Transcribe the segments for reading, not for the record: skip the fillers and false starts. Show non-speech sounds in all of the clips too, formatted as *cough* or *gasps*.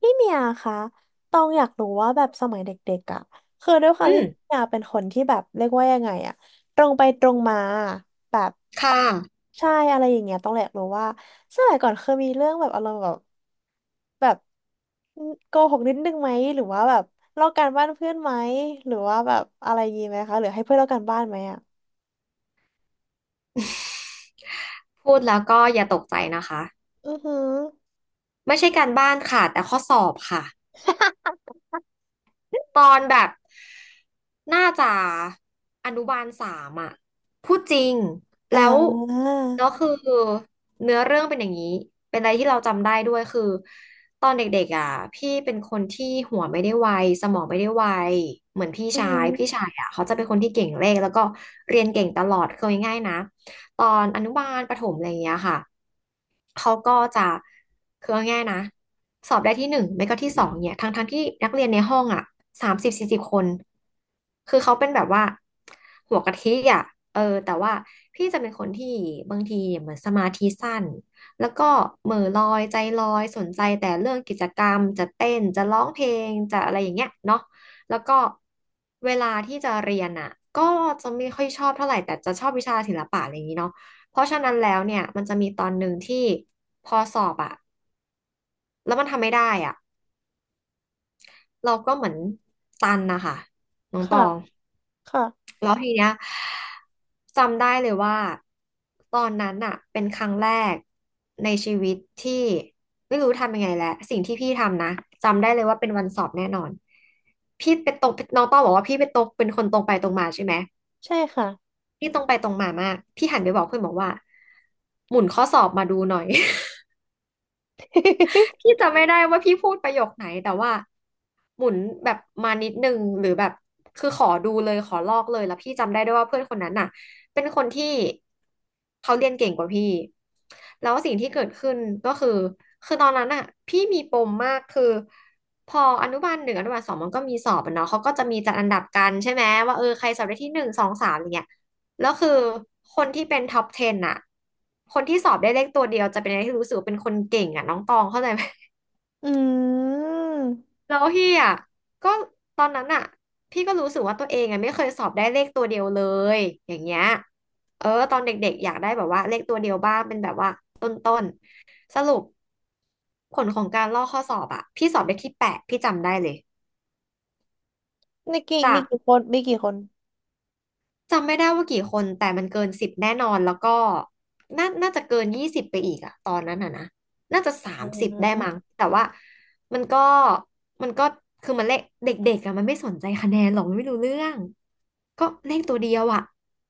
พี่เมียคะตองอยากรู้ว่าแบบสมัยเด็กๆอ่ะคือด้วยควาอืมมที่พี่เมียเป็นคนที่แบบเรียกว่ายังไงอ่ะตรงไปตรงมาแบบค่ะใช่อะไรอย่างเงี้ยต้องอยากรู้ว่าสมัยก่อนเคยมีเรื่องแบบอารมณ์แบบโกหกนิดนึงไหมหรือว่าแบบลอกการบ้านเพื่อนไหมหรือว่าแบบอะไรอยางงี้ไหมคะหรือให้เพื่อนลอกการบ้านไหมอ่ะพูดแล้วก็อย่าตกใจนะคะอือหือ ไม่ใช่การบ้านค่ะแต่ข้อสอบค่ะ *laughs* ตอนแบบน่าจะอนุบาลสามอ่ะพูดจริงอ่แล้วแล้วาคือเนื้อเรื่องเป็นอย่างนี้เป็นอะไรที่เราจำได้ด้วยคือตอนเด็กๆอ่ะพี่เป็นคนที่หัวไม่ได้ไวสมองไม่ได้ไวเหมือนพี่อือชาหืยอพี่ชายอ่ะเขาจะเป็นคนที่เก่งเลขแล้วก็เรียนเก่งตลอดเคืง่ายๆนะตอนอนุบาลประถมอะไรอย่างเงี้ยค่ะ เขาก็จะคือเอาง่ายๆนะสอบได้ที่หนึ่งไม่ก็ที่สองเนี่ยทั้งที่นักเรียนในห้องอ่ะสามสิบสี่สิบคนคือเขาเป็นแบบว่าหัวกะทิอ่ะเออแต่ว่าพี่จะเป็นคนที่บางทีเนี่ยเหมือนสมาธิสั้นแล้วก็เหม่อลอยใจลอยสนใจแต่เรื่องกิจกรรมจะเต้นจะร้องเพลงจะอะไรอย่างเงี้ยเนาะแล้วก็เวลาที่จะเรียนอ่ะก็จะไม่ค่อยชอบเท่าไหร่แต่จะชอบวิชาศิลปะอะไรอย่างนี้เนาะ เพราะฉะนั้นแล้วเนี่ยมันจะมีตอนหนึ่งที่พอสอบอะแล้วมันทำไม่ได้อะเราก็เหมือนตันนะคะน้องตค่ะองค่ะแล้วทีเนี้ยจำได้เลยว่าตอนนั้นอะเป็นครั้งแรกในชีวิตที่ไม่รู้ทำยังไงแหละสิ่งที่พี่ทำนะจำได้เลยว่าเป็นวันสอบแน่นอนพี่เป็นตรงน้องต้องบอกว่าพี่เป็นตรงเป็นคนตรงไปตรงมาใช่ไหมใช่ค่ะ พี่ตรงไปตรงมามากพี่หันไปบอกเพื่อนบอกว่าหมุนข้อสอบมาดูหน่อย พี่ *laughs* จำไม่ได้ว่าพี่พูดประโยคไหนแต่ว่าหมุนแบบมานิดนึงหรือแบบคือขอดูเลยขอลอกเลยแล้วพี่จำได้ด้วยว่าเพื่อนคนนั้นน่ะเป็นคนที่เขาเรียนเก่งกว่าพี่แล้วสิ่งที่เกิดขึ้นก็คือคือตอนนั้นน่ะพี่มีปมมากคือพออนุบาลหนึ่งอนุบาลสองมันก็มีสอบอะเนาะเขาก็จะมีจัดอันดับกันใช่ไหมว่าเออใครสอบได้ที่หนึ่งสองสามอย่างเงี้ยแล้วคือคนที่เป็นท็อป10อะคนที่สอบได้เลขตัวเดียวจะเป็นอะไรที่รู้สึกว่าเป็นคนเก่งอะน้องตองเข้าใจไหม อืม แล้วพี่อ่ะก็ตอนนั้นอ่ะพี่ก็รู้สึกว่าตัวเองอ่ะไม่เคยสอบได้เลขตัวเดียวเลยอย่างเงี้ยเออตอนเด็กๆอยากได้แบบว่าเลขตัวเดียวบ้างเป็นแบบว่าต้นๆสรุปผลของการลอกข้อสอบอ่ะพี่สอบได้ที่แปดพี่จำได้เลยมีกี่จามีก กี่คนมีกี่คนจำไม่ได้ว่ากี่คนแต่มันเกินสิบแน่นอนแล้วก็น่าจะเกินยี่สิบไปอีกอะตอนนั้นอะนะน่าจะสาอ่มสิบได้มั้างแต่ว่ามันก็มันก็คือมันเลขเด็กๆอะมันไม่สนใจคะแนนหรอกมันไม่รู้เรื่องก็เลขตัวเดียวอะ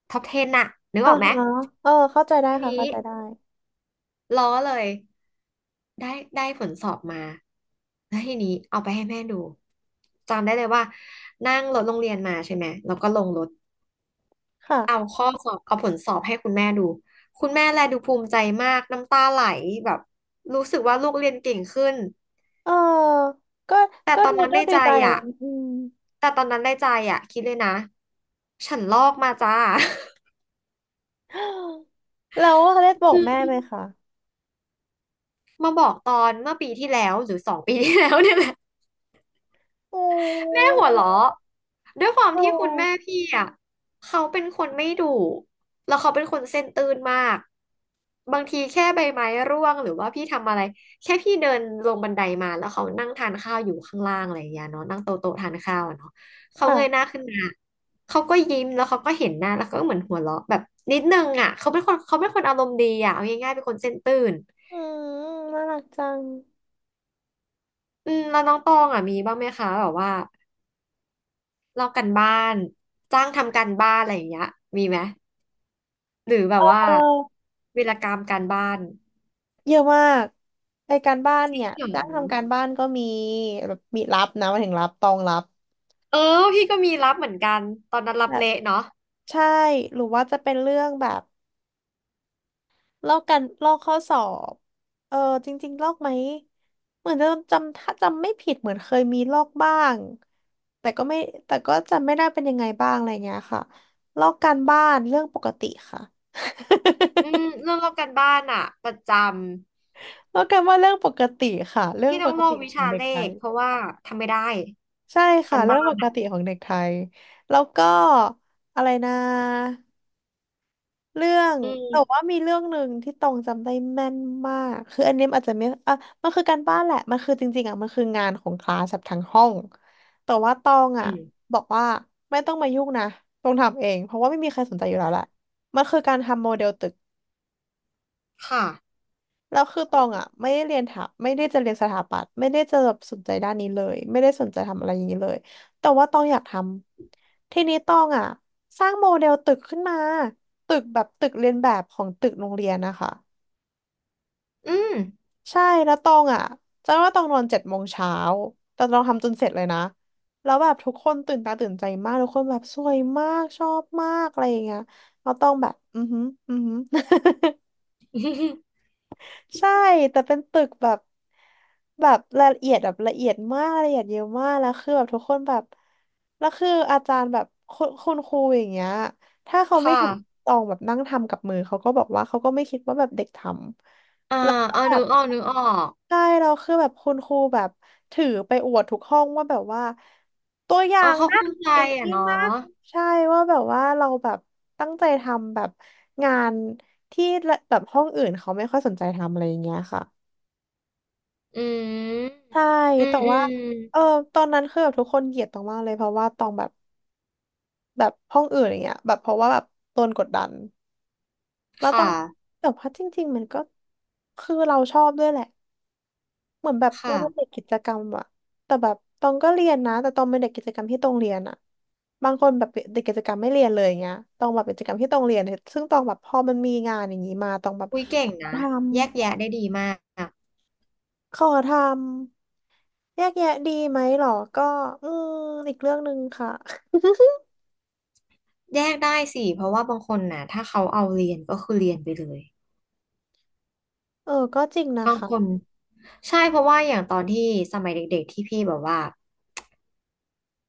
ท็อป10อะนึกอ่าออกไหมฮะเออเข้าใจได้ทีค่ะนี้เข้าใจได้ล้อเลยได้ได้ผลสอบมาแล้วทีนี้เอาไปให้แม่ดูจำได้เลยว่านั่งรถโรงเรียนมาใช่ไหมแล้วก็ลงรถ ค่ะเอาข้อสอบเอาผลสอบให้คุณแม่ดูคุณแม่แลดูภูมิใจมากน้ำตาไหลแบบรู้สึกว่าลูกเรียนเก่งขึ้นเออก็แต่ก็ตอดูนนั้นด้วในยดีใจใจอ่ะอืม แต่ตอนนั้นในใจอ่ะคิดเลยนะฉันลอกมาจ้า *gasps* แล้วได้บอกแม่ไห *laughs* มคะมาบอกตอนเมื่อปีที่แล้วหรือสองปีที่แล้วเนี่ยแหละ โแม่อหัวเราะด้วยความเอที่คุณแม่อพี่อ่ะเขาเป็นคนไม่ดุแล้วเขาเป็นคนเส้นตื่นมากบางทีแค่ใบไม้ร่วงหรือว่าพี่ทำอะไรแค่พี่เดินลงบันไดมาแล้วเขานั่งทานข้าวอยู่ข้างล่างอะไรอย่างเงี้ยเนาะนั่งโต๊ะทานข้าวอะเนาะเขาเงยหค่ะน้าขึ้นมาเขาก็ยิ้มแล้วเขาก็เห็นหน้าแล้วก็เหมือนหัวเราะแบบนิดนึงอ่ะเขาเป็นคนอารมณ์ดีอ่ะเอาง่ายๆเป็นคนเส้นตื่นอืมน่ารักจังอืมแล้วน้องตองอ่ะมีบ้างไหมคะแบบว่า ลอกกันบ้านจ้างทำการบ้านอะไรอย่างเงี้ยมีไหมหรือแบบเอว่าอวีรกรรมการบ้านเยอะมากไอการบ้านเนี่ยจ้างทำการบ้านก็มีแบบมีรับนะหมายถึงรับตองรับเออพี่ก็มีรับเหมือนกันตอนนั้นรัแบบบเละเนาะใช่หรือว่าจะเป็นเรื่องแบบ ลอกกันลอกข้อสอบเออจริงๆลอกไหม เหมือนจะจำถ้าจำไม่ผิดเหมือนเคยมีลอกบ้างแต่ก็ไม่แต่ก็จำไม่ได้เป็นยังไงบ้างอะไรเงี้ยค่ะลอกการบ้านเรื่องปกติค่ะ อืม *laughs* เรื่องลอกการบ้านอะประจำลอกการบ้านเรื่องปกติค่ะเรื่องพี่ปต้องกลอติกวิของชาเด็กเลไทขยเพราะว่าทำไม่ได้ใช่กาค่ะรเรื่องบ้าปนกติของเด็กไทยแล้วก็อะไรนะ เรื่องอืแต่ว่ามมีเรื่องหนึ่งที่ตองจำได้แม่นมากคืออันนี้มันอาจจะไม่อ่ะมันคือการบ้านแหละมันคือจริงๆอ่ะมันคืองานของคลาสแบบทั้งห้องแต่ว่าตองอ่ะอืมบอกว่าไม่ต้องมายุ่งนะตองทำเองเพราะว่าไม่มีใครสนใจอยู่แล้วแหละมันคือการทำโมเดลตึกค่ะแล้วคือตองอ่ะไม่ได้จะเรียนสถาปัตย์ไม่ได้จะแบบสนใจด้านนี้เลยไม่ได้สนใจทำอะไรอย่างนี้เลยแต่ว่าตองอยากทำทีนี้ตองอ่ะสร้างโมเดลตึกขึ้นมาตึกแบบตึกเรียนแบบของตึกโรงเรียนนะคะ อืม ใช่แล้วตองอ่ะจำได้ว่าตองนอน7 โมงเช้าแต่ตองทำจนเสร็จเลยนะแล้วแบบทุกคนตื่นตาตื่นใจมากทุกคนแบบสวยมากชอบมากอะไรอย่างเงี้ยแล้วตองแบบอือหืออือหือ *laughs* *laughs* ใช่แต่เป็นตึกแบบแบบละเอียดแบบละเอียดมากละเอียดเยอะมากแล้วคือแบบทุกคนแบบแล้วคืออาจารย์แบบคุณครูอย่างเงี้ยถ้าเขาคไม่เห็น่ะตองแบบนั่งทำกับมือเขาก็บอกว่าเขาก็ไม่คิดว่าแบบเด็กทอ่าำแล้วก็เอาแบนึบ กออกนึกออกใช่เราคือแบบคุณครูแบบถือไปอวดทุกห้องว่าแบบว่าตัวอย่าเอองเขานะภูมิใจอย่างอ่ะนี้เนาะนะใช่ว่าแบบว่าเราแบบตั้งใจทำแบบงานที่แบบห้องอื่นเขาไม่ค่อยสนใจทำอะไรอย่างเงี้ยค่ะอืมใช่อืแต่มอืมอืว่าเออมตอนนั้นคือแบบทุกคนเกลียดตองมากเลยเพราะว่าตองแบบแบบห้องอื่นอย่างเงี้ยแบบเพราะว่าแบบโดนกดดันแล้วต้อค่ะงแต่ว่าจริงๆมันก็คือเราชอบด้วยแหละ เหมือนแบบเราเป็นเด็ค่ะ กกิจกรรมอะ แต่แบบตองก็เรียนนะแต่ตองเป็นเด็กกิจกรรมที่ตองเรียนอะ บางคนแบบเด็กกิจกรรมไม่เรียนเลยอย่างเงี้ยตองแบบเป็นกิจกรรมที่ตองเรียนเนี่ยซึ่งตองแบบพอมันมีงานอย่างนี้มาตองแบบอุ้ยเก่งนะทำแยกแยะได้ดีมากขอทำแยกแยะดีไหมหรอก็อืมอีกเรื่องหนึ่งค่ะ *laughs* แยกได้สิเพราะว่าบางคนน่ะถ้าเขาเอาเรียนก็คือเรียนไปเลยเออก็จริงนะบางคะคนใช่เพราะว่าอย่างตอนที่สมัยเด็กๆที่พี่แบบว่า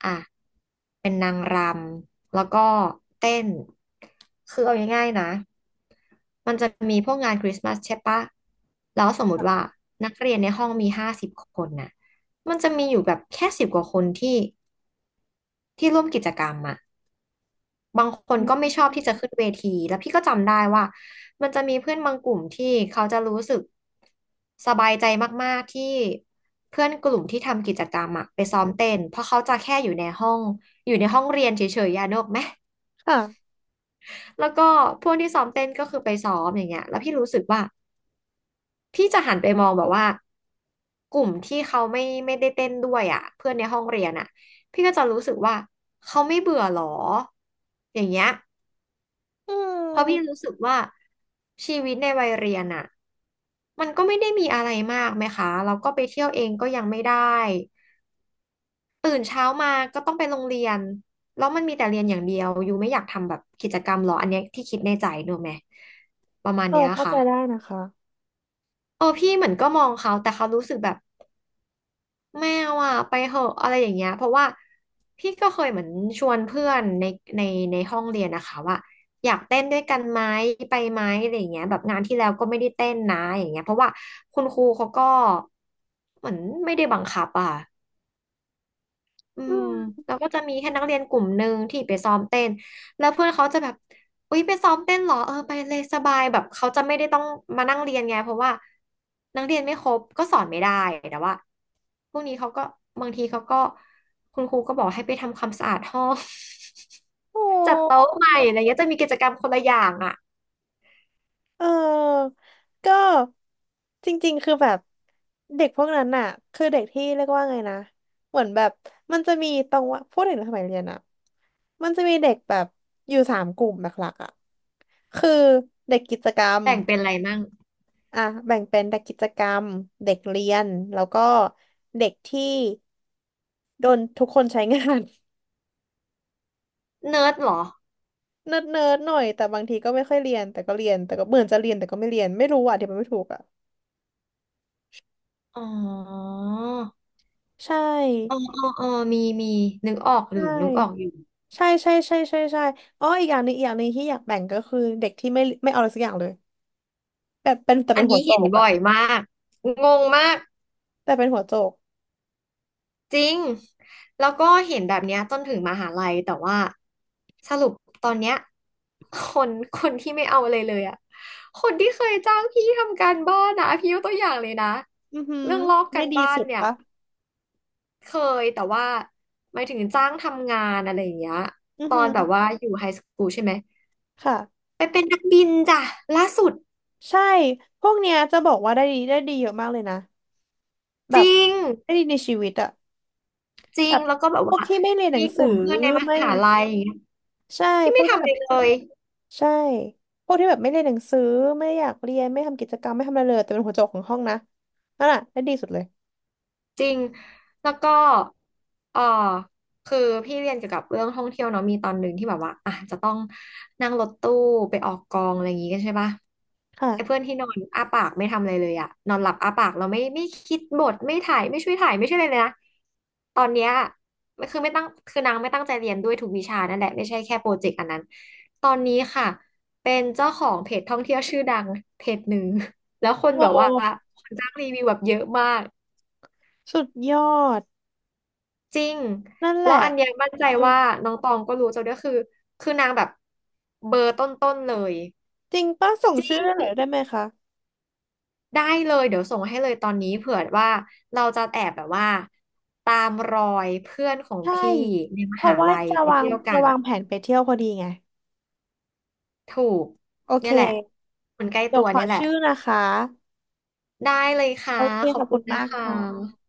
อ่ะเป็นนางรำแล้วก็เต้นคือเอาง่ายๆนะมันจะมีพวกงานคริสต์มาสใช่ปะแล้วสมมติว่านักเรียนในห้องมี50คนน่ะมันจะมีอยู่แบบแค่สิบกว่าคนที่ร่วมกิจกรรมอะ บางคนอืก็ไม่มชอบที่จะขึ้นเวทีแล้วพี่ก็จำได้ว่ามันจะมีเพื่อนบางกลุ่มที่เขาจะรู้สึกสบายใจมากๆที่เพื่อนกลุ่มที่ทำกิจกรรมอะไปซ้อมเต้นเพราะเขาจะแค่อยู่ในห้องเรียนเฉยๆยานกออกไหมค่ะแล้วก็พวกที่ซ้อมเต้นก็คือไปซ้อมอย่างเงี้ยแล้วพี่รู้สึกว่าพี่จะหันไปมองแบบว่ากลุ่มที่เขาไม่ได้เต้นด้วยอ่ะเพื่อนในห้องเรียนอ่ะพี่ก็จะรู้สึกว่าเขาไม่เบื่อหรออย่างเงี้ย อืเพราะพี่มรู้สึกว่าชีวิตในวัยเรียนอะมันก็ไม่ได้มีอะไรมากไหมคะเราก็ไปเที่ยวเองก็ยังไม่ได้ตื่นเช้ามาก็ต้องไปโรงเรียนแล้วมันมีแต่เรียนอย่างเดียวอยู่ไม่อยากทำแบบกิจกรรมหรออันเนี้ยที่คิดในใจหนูไหมประมาณเออเนี้ยเข้าใจค่ะได้นะคะเออพี่เหมือนก็มองเขาแต่เขารู้สึกแบบ แมวอ่ะไปเหอะอะไรอย่างเงี้ยเพราะว่าพี่ก็เคยเหมือนชวนเพื่อนในในห้องเรียนนะคะว่าอยากเต้นด้วยกันไหมไปไหมอะไรอย่างเงี้ยแบบงานที่แล้วก็ไม่ได้เต้นนะอย่างเงี้ยเพราะว่าคุณครูเขาก็เหมือนไม่ได้บังคับอ่ะ อือืมมแล้วก็จะมีแค่นักเรียนกลุ่มหนึ่งที่ไปซ้อมเต้นแล้วเพื่อนเขาจะแบบอุ๊ยไปซ้อมเต้นเหรอเออไปเลยสบายแบบเขาจะไม่ได้ต้องมานั่งเรียนไงเพราะว่านักเรียนไม่ครบก็สอนไม่ได้แต่ว่าพวกนี้เขาก็บางทีเขาก็คุณครูก็บอกให้ไปทำความสะอาดห้อง โอ *laughs* จัด้ โต๊ะใหม่อะไรเงี้ยจะมีกิจกรรมคนละอย่างอะเออ ก็จริงๆ คือแบบเด็กพวกนั้นน่ะคือเด็กที่เรียกว่าไงนะเหมือนแบบมันจะมีตรงว่าพูดถึงสมัยเรียนอะมันจะมีเด็กแบบอยู่3 กลุ่มหลักๆอะคือเด็กกิจกรรมแบ่งเป็นอะไรมั่งอ่ะแบ่งเป็นเด็กกิจกรรมเด็กเรียนแล้วก็เด็กที่โดนทุกคนใช้งาน เนิร์ดเหรอ *laughs* เนิร์ดๆหน่อยแต่บางทีก็ไม่ค่อยเรียนแต่ก็เรียนแต่ก็เหมือนจะเรียนแต่ก็ไม่เรียนไม่รู้อ่ะเดี๋ยวมันไม่ถูกอ่ะอ๋อใชเออ่เออเออมีมีนึกออกหรือใช่ นึกออกอยู่ ใช่ใช่ใช่ใช่ใช่อ๋ออีกอย่างหนึงอีกอย่างหนึงที่อยากแบ่งก็คือเด็กที่ไม่เอาอะไรสักอย่างเลยแบบเป็นแต่อัเป็นนหัวนี้โจเห็นกบ่อะอยมากงงมากแต่เป็นหัวโจกจริงแล้วก็เห็นแบบเนี้ยจนถึงมหาลัยแต่ว่าสรุปตอนเนี้ยคคนที่ไม่เอาเลยอะคนที่เคยจ้างพี่ทำการบ้านนะพี่ยกตัวอย่างเลยนะอือหือเรื่องลอกได้การดีบ้านสุดเนี่ยปะเคยแต่ว่าหมายถึงจ้างทำงานอะไรอย่างเงี้ยอือตอหือนแบบว่าอยู่ไฮสคูลใช่ไหมค่ะไปเป็นนักบินจ้ะล่าสุดใช่พวกเนี้ยจะบอกว่าได้ดีเยอะมากเลยนะแบจบริงได้ดีในชีวิตอะจริแบงบแล้วก็แบบพวว่ากที่ไม่เรียนหนัมีงกสือลุ่มเพื่อนในมไม่หาลัย ใช่พี่พไม่วกที่ทำอะแบไรบเลย ใช่พวกที่แบบไม่เรียนหนังสือไม่อยากเรียนไม่ทำกิจกรรมไม่ทำอะไรเลยแต่เป็นหัวโจกของห้องนะนั่นอะได้ดีสุดเลยจริงแล้วก็เออคือพี่เรียนเกี่ยวกับเรื่องท่องเที่ยวเนาะมีตอนหนึ่งที่แบบว่าอ่ะจะต้องนั่งรถตู้ไปออกกองอะไรอย่างงี้กันใช่ปะค่ะไอ้เพื่อนที่นอนอ้าปากไม่ทำอะไรเลยอะนอนหลับอ้าปากเราไม่คิดบทไม่ถ่ายไม่ช่วยถ่ายไม่ช่วยอะไรเลยนะตอนเนี้ยมันคือไม่ตั้งคือนางไม่ตั้งใจเรียนด้วยทุกวิชานั่นแหละไม่ใช่แค่โปรเจกต์อันนั้นตอนนี้ค่ะเป็นเจ้าของเพจท่องเที่ยวชื่อดังเพจหนึ่งแล้วคนโอแบบว่า้คนจ้างรีวิวแบบเยอะมาก สุดยอด จริง นั่นแหแล้ละวอันเนี้ยมั่นใจเออว่าน้องตองก็รู้จะด้วยคือนางแบบเบอร์ต้นๆเลย จริงป้าส่งชื่อได้หน่อยได้ไหมคะได้เลยเดี๋ยวส่งให้เลยตอนนี้เผื่อว่าเราจะแอบแบบว่าตามรอยเพื่อนของใช่พี่ในมเพราะหาว่าลัยจะไปวางเที่ยวกัจะนวางแผนไปเที่ยวพอดีไงถูกโอเคเนี่ยแหละคนใกล้เดี๋ยตัววขอเนี่ยแหละชื่อนะคะได้เลยค่ะโอเคขอขบอบคุคุณณนะมากคค่ะะ